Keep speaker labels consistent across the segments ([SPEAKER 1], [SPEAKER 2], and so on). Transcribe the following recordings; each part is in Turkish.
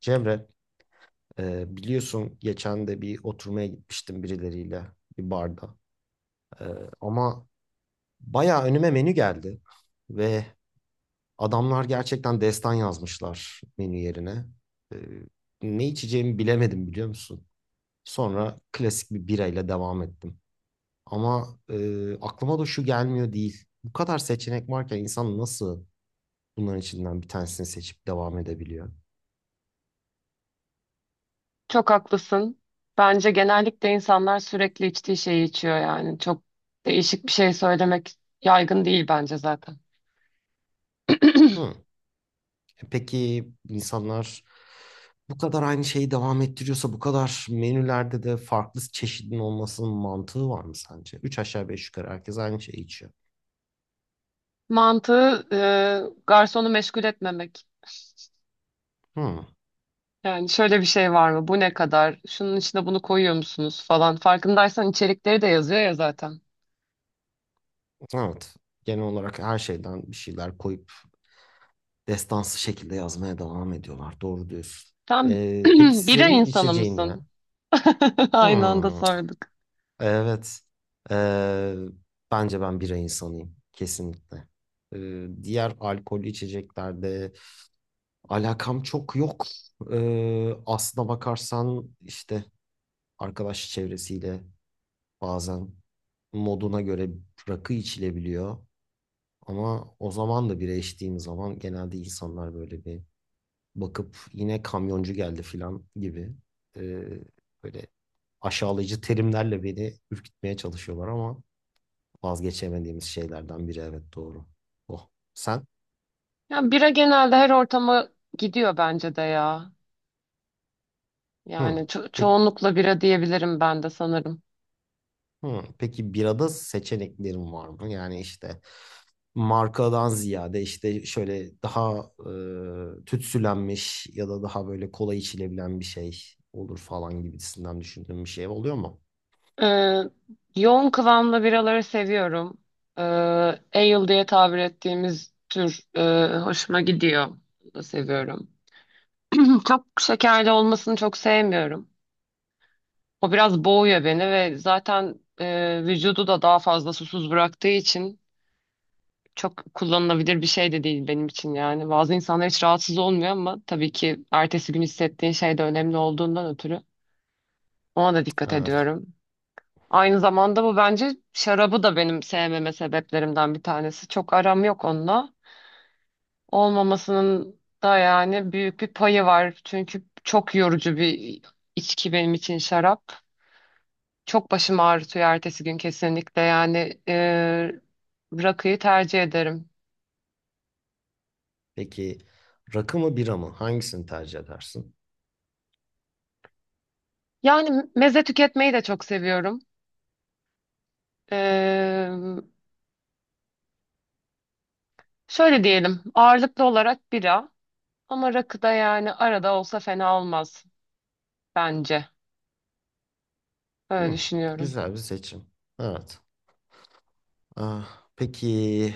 [SPEAKER 1] Cemre, biliyorsun geçen de bir oturmaya gitmiştim birileriyle bir barda. E, ama bayağı önüme menü geldi ve adamlar gerçekten destan yazmışlar menü yerine. E, Ne içeceğimi bilemedim biliyor musun? Sonra klasik bir birayla devam ettim. Ama aklıma da şu gelmiyor değil. Bu kadar seçenek varken insan nasıl bunların içinden bir tanesini seçip devam edebiliyor?
[SPEAKER 2] Çok haklısın. Bence genellikle insanlar sürekli içtiği şeyi içiyor yani. Çok değişik bir şey söylemek yaygın değil bence zaten.
[SPEAKER 1] Hı. Peki insanlar bu kadar aynı şeyi devam ettiriyorsa bu kadar menülerde de farklı çeşidin olmasının mantığı var mı sence? Üç aşağı beş yukarı herkes aynı şeyi içiyor.
[SPEAKER 2] Mantığı garsonu meşgul etmemek.
[SPEAKER 1] Hmm,
[SPEAKER 2] Yani şöyle bir şey var mı? Bu ne kadar? Şunun içine bunu koyuyor musunuz falan. Farkındaysan içerikleri de yazıyor ya zaten.
[SPEAKER 1] evet. Genel olarak her şeyden bir şeyler koyup destansı şekilde yazmaya devam ediyorlar. Doğru diyorsun.
[SPEAKER 2] Tam
[SPEAKER 1] Peki
[SPEAKER 2] bira
[SPEAKER 1] senin
[SPEAKER 2] insanı
[SPEAKER 1] içeceğin ne?
[SPEAKER 2] mısın? Aynı anda
[SPEAKER 1] Hmm,
[SPEAKER 2] sorduk.
[SPEAKER 1] evet. Ee, Bence ben bira insanıyım. Kesinlikle. Diğer alkollü içeceklerde alakam çok yok. Aslına bakarsan işte arkadaş çevresiyle bazen moduna göre rakı içilebiliyor. Ama o zaman da bira içtiğim zaman genelde insanlar böyle bir bakıp yine kamyoncu geldi filan gibi, ee, böyle aşağılayıcı terimlerle beni ürkütmeye çalışıyorlar ama vazgeçemediğimiz şeylerden biri, evet, doğru. Oh. Sen?
[SPEAKER 2] Yani bira genelde her ortama gidiyor bence de ya. Yani
[SPEAKER 1] Hı. Peki,
[SPEAKER 2] çoğunlukla bira diyebilirim ben de sanırım.
[SPEAKER 1] hı, peki birada seçeneklerim var mı? Yani işte markadan ziyade işte şöyle daha tütsülenmiş ya da daha böyle kolay içilebilen bir şey olur falan gibisinden düşündüğüm bir şey oluyor mu?
[SPEAKER 2] Ee, Yoğun kıvamlı biraları seviyorum. Ee, Ale diye tabir ettiğimiz tür hoşuma gidiyor. Onu da seviyorum. Hı, çok şekerli olmasını çok sevmiyorum. O biraz boğuyor beni ve zaten vücudu da daha fazla susuz bıraktığı için çok kullanılabilir bir şey de değil benim için yani. Bazı insanlar hiç rahatsız olmuyor ama tabii ki ertesi gün hissettiğin şey de önemli olduğundan ötürü ona da dikkat
[SPEAKER 1] Evet.
[SPEAKER 2] ediyorum. Aynı zamanda bu bence şarabı da benim sevmeme sebeplerimden bir tanesi. Çok aram yok onunla. Olmamasının da yani büyük bir payı var. Çünkü çok yorucu bir içki benim için şarap. Çok başım ağrıtıyor ertesi gün kesinlikle. Yani rakıyı tercih ederim.
[SPEAKER 1] Peki rakı mı bira mı? Hangisini tercih edersin?
[SPEAKER 2] Yani meze tüketmeyi de çok seviyorum. E, Şöyle diyelim, ağırlıklı olarak bira ama rakı da yani arada olsa fena olmaz bence. Öyle
[SPEAKER 1] Hı,
[SPEAKER 2] düşünüyorum.
[SPEAKER 1] güzel bir seçim. Evet. Ah, peki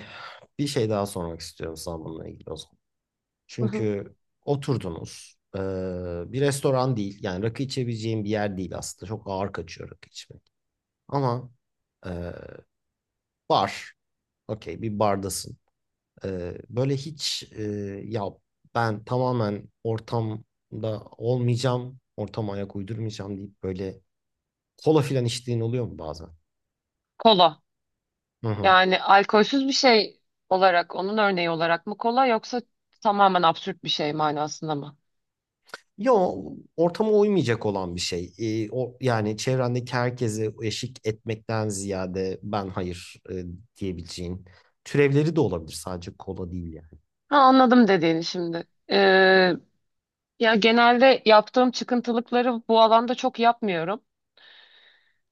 [SPEAKER 1] bir şey daha sormak istiyorum sana bununla ilgili o zaman. Çünkü oturdunuz. Bir restoran değil. Yani rakı içebileceğim bir yer değil aslında. Çok ağır kaçıyor rakı içmek. Ama e, bar. Okey, bir bardasın. Ee, böyle hiç e, ya, ben tamamen ortamda olmayacağım. Ortama ayak uydurmayacağım deyip böyle kola filan içtiğin oluyor mu bazen?
[SPEAKER 2] Kola.
[SPEAKER 1] Hı hı.
[SPEAKER 2] Yani alkolsüz bir şey olarak, onun örneği olarak mı kola, yoksa tamamen absürt bir şey manasında mı?
[SPEAKER 1] Ya, o ortama uymayacak olan bir şey. O yani çevrendeki herkese eşik etmekten ziyade ben hayır diyebileceğin türevleri de olabilir, sadece kola değil yani.
[SPEAKER 2] Ha, anladım dediğini şimdi. Ya genelde yaptığım çıkıntılıkları bu alanda çok yapmıyorum.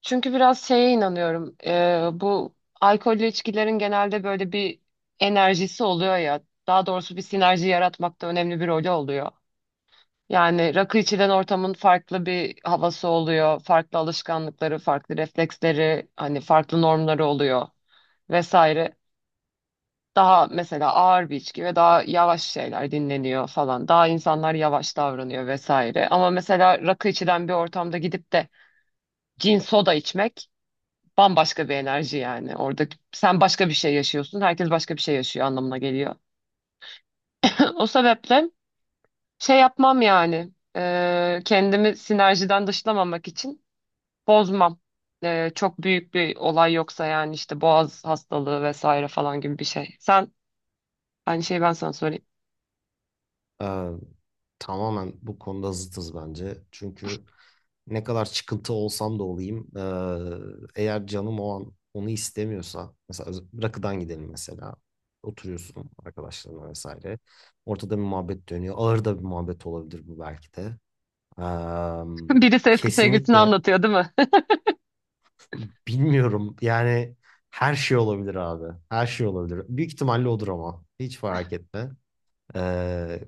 [SPEAKER 2] Çünkü biraz şeye inanıyorum. Bu alkollü içkilerin genelde böyle bir enerjisi oluyor ya. Daha doğrusu bir sinerji yaratmakta önemli bir rolü oluyor. Yani rakı içilen ortamın farklı bir havası oluyor, farklı alışkanlıkları, farklı refleksleri, hani farklı normları oluyor vesaire. Daha mesela ağır bir içki ve daha yavaş şeyler dinleniyor falan. Daha insanlar yavaş davranıyor vesaire. Ama mesela rakı içilen bir ortamda gidip de cin soda içmek bambaşka bir enerji yani. Orada sen başka bir şey yaşıyorsun, herkes başka bir şey yaşıyor anlamına geliyor. O sebeple şey yapmam yani. Kendimi sinerjiden dışlamamak için bozmam. Çok büyük bir olay yoksa yani, işte boğaz hastalığı vesaire falan gibi bir şey. Sen, aynı şeyi ben sana söyleyeyim.
[SPEAKER 1] Ee, Tamamen bu konuda zıtız bence. Çünkü ne kadar çıkıntı olsam da olayım, eğer canım o an onu istemiyorsa, mesela rakıdan gidelim mesela, oturuyorsun arkadaşlarına vesaire, ortada bir muhabbet dönüyor, ağır da bir muhabbet olabilir bu belki de. Am,
[SPEAKER 2] Birisi eski sevgilisini
[SPEAKER 1] Kesinlikle
[SPEAKER 2] anlatıyor değil mi?
[SPEAKER 1] bilmiyorum. Yani her şey olabilir abi. Her şey olabilir. Büyük ihtimalle odur ama. Hiç fark etme. Ee,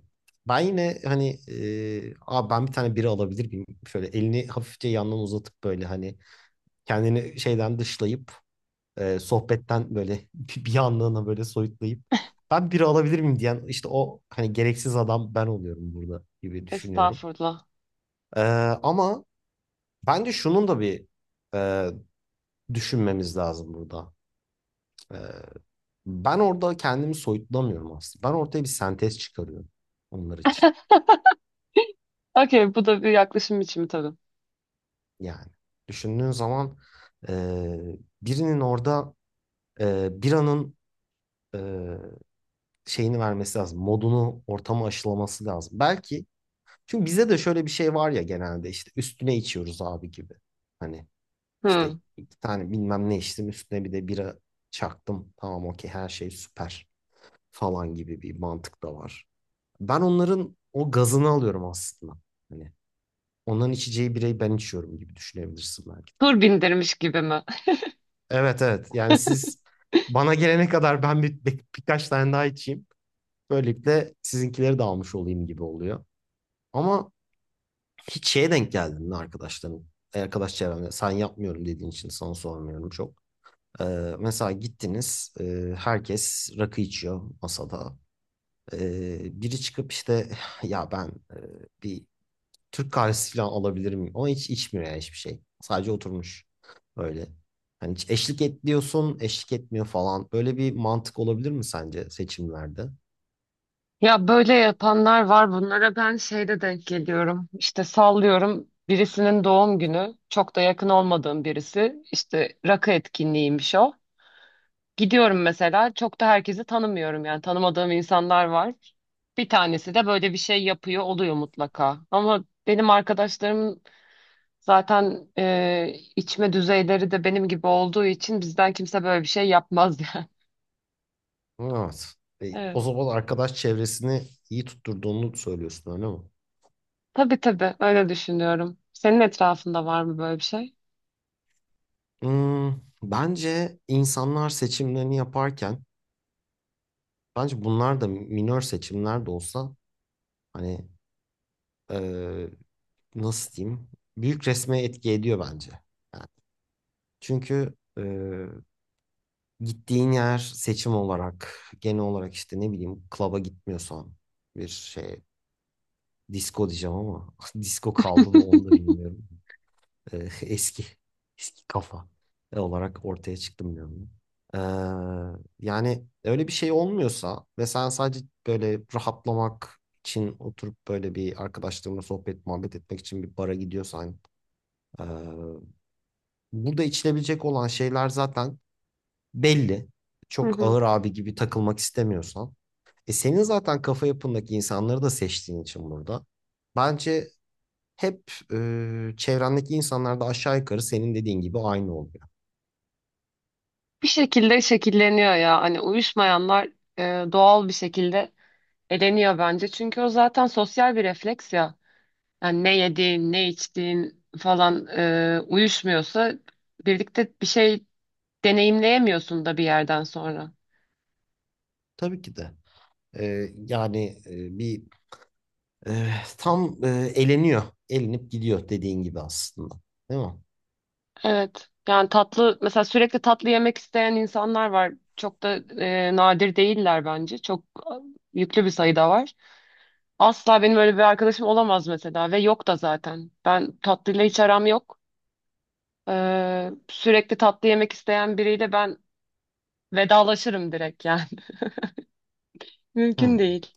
[SPEAKER 1] Ben yine hani abi ben bir tane biri alabilir miyim? Şöyle elini hafifçe yandan uzatıp, böyle hani kendini şeyden dışlayıp, sohbetten böyle bir anlığına böyle soyutlayıp ben biri alabilir miyim diyen işte o hani gereksiz adam ben oluyorum burada gibi düşünüyorum.
[SPEAKER 2] Estağfurullah.
[SPEAKER 1] Ee, Ama bence şunun da bir, e, düşünmemiz lazım burada. Ee, Ben orada kendimi soyutlamıyorum aslında. Ben ortaya bir sentez çıkarıyorum onlar için.
[SPEAKER 2] Okey, bu da bir yaklaşım biçimi tabii.
[SPEAKER 1] Yani düşündüğün zaman, e, birinin orada bir anın e, şeyini vermesi lazım. Modunu, ortamı aşılaması lazım. Belki, çünkü bize de şöyle bir şey var ya, genelde işte üstüne içiyoruz abi gibi. Hani işte
[SPEAKER 2] Hmm.
[SPEAKER 1] iki tane bilmem ne içtim, üstüne bir de bira çaktım. Tamam, okey, her şey süper falan gibi bir mantık da var. Ben onların o gazını alıyorum aslında. Hani onların içeceği bireyi ben içiyorum gibi düşünebilirsin belki de.
[SPEAKER 2] Tur bindirmiş gibi mi?
[SPEAKER 1] Evet, evet. Yani siz bana gelene kadar ben birkaç tane daha içeyim. Böylelikle sizinkileri de almış olayım gibi oluyor. Ama hiç şeye denk geldin mi arkadaşların? Arkadaş çevremde sen yapmıyorum dediğin için sana sormuyorum çok. Ee, Mesela gittiniz, herkes rakı içiyor masada. Biri çıkıp işte ya ben e, bir Türk kahvesi falan alabilir miyim? Ama hiç içmiyor, yani hiçbir şey. Sadece oturmuş öyle. Hani hiç eşlik et diyorsun, eşlik etmiyor falan. Böyle bir mantık olabilir mi sence seçimlerde?
[SPEAKER 2] Ya böyle yapanlar var, bunlara ben şeyde denk geliyorum. İşte sallıyorum, birisinin doğum günü, çok da yakın olmadığım birisi. İşte rakı etkinliğiymiş o. Gidiyorum mesela, çok da herkesi tanımıyorum yani, tanımadığım insanlar var. Bir tanesi de böyle bir şey yapıyor oluyor mutlaka. Ama benim arkadaşlarım zaten içme düzeyleri de benim gibi olduğu için bizden kimse böyle bir şey yapmaz yani.
[SPEAKER 1] Evet. E, o
[SPEAKER 2] Evet.
[SPEAKER 1] zaman arkadaş çevresini iyi tutturduğunu söylüyorsun, öyle mi?
[SPEAKER 2] Tabii tabii, öyle düşünüyorum. Senin etrafında var mı böyle bir şey?
[SPEAKER 1] Hmm, bence insanlar seçimlerini yaparken, bence bunlar da minör seçimler de olsa, hani, e, nasıl diyeyim, büyük resme etki ediyor bence. Yani çünkü, gittiğin yer seçim olarak genel olarak işte ne bileyim klaba gitmiyorsan, bir şey, disco diyeceğim ama disco kaldı mı onu da bilmiyorum. Ee, eski eski kafa olarak ortaya çıktım diyorum. Ee, Yani öyle bir şey olmuyorsa ve sen sadece böyle rahatlamak için oturup böyle bir arkadaşlarımla sohbet muhabbet etmek için bir bara gidiyorsan, ee, burada içilebilecek olan şeyler zaten belli,
[SPEAKER 2] Hı
[SPEAKER 1] çok
[SPEAKER 2] hı.
[SPEAKER 1] ağır abi gibi takılmak istemiyorsan. E, senin zaten kafa yapındaki insanları da seçtiğin için burada. Bence hep çevrendeki insanlar da aşağı yukarı senin dediğin gibi aynı oluyor.
[SPEAKER 2] Bir şekilde şekilleniyor ya, hani uyuşmayanlar doğal bir şekilde eleniyor bence. Çünkü o zaten sosyal bir refleks ya. Yani ne yediğin, ne içtiğin falan uyuşmuyorsa birlikte bir şey deneyimleyemiyorsun da bir yerden sonra.
[SPEAKER 1] Tabii ki de. E, yani e, bir e, tam e, eleniyor. Elenip gidiyor dediğin gibi aslında. Değil mi?
[SPEAKER 2] Evet. Yani tatlı mesela, sürekli tatlı yemek isteyen insanlar var. Çok da nadir değiller bence. Çok yüklü bir sayıda var. Asla benim öyle bir arkadaşım olamaz mesela ve yok da zaten. Ben tatlıyla hiç aram yok. Sürekli tatlı yemek isteyen biriyle ben vedalaşırım direkt yani. Mümkün
[SPEAKER 1] Hı.
[SPEAKER 2] değil.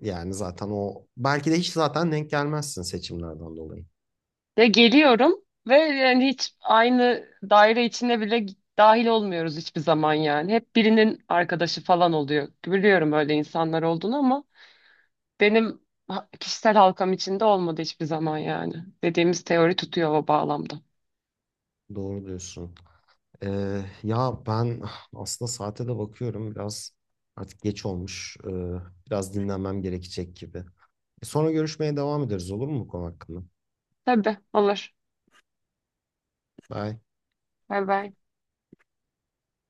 [SPEAKER 1] Yani zaten o belki de hiç zaten denk gelmezsin seçimlerden dolayı.
[SPEAKER 2] Ya geliyorum ve yani hiç aynı daire içine bile dahil olmuyoruz hiçbir zaman yani. Hep birinin arkadaşı falan oluyor. Biliyorum öyle insanlar olduğunu ama benim kişisel halkam içinde olmadı hiçbir zaman yani. Dediğimiz teori tutuyor o bağlamda.
[SPEAKER 1] Doğru diyorsun. Ya ben, ah, aslında saate de bakıyorum biraz, artık geç olmuş. Biraz dinlenmem gerekecek gibi. E, sonra görüşmeye devam ederiz olur mu bu konu hakkında?
[SPEAKER 2] Tabii olur.
[SPEAKER 1] Bye.
[SPEAKER 2] Bay bay.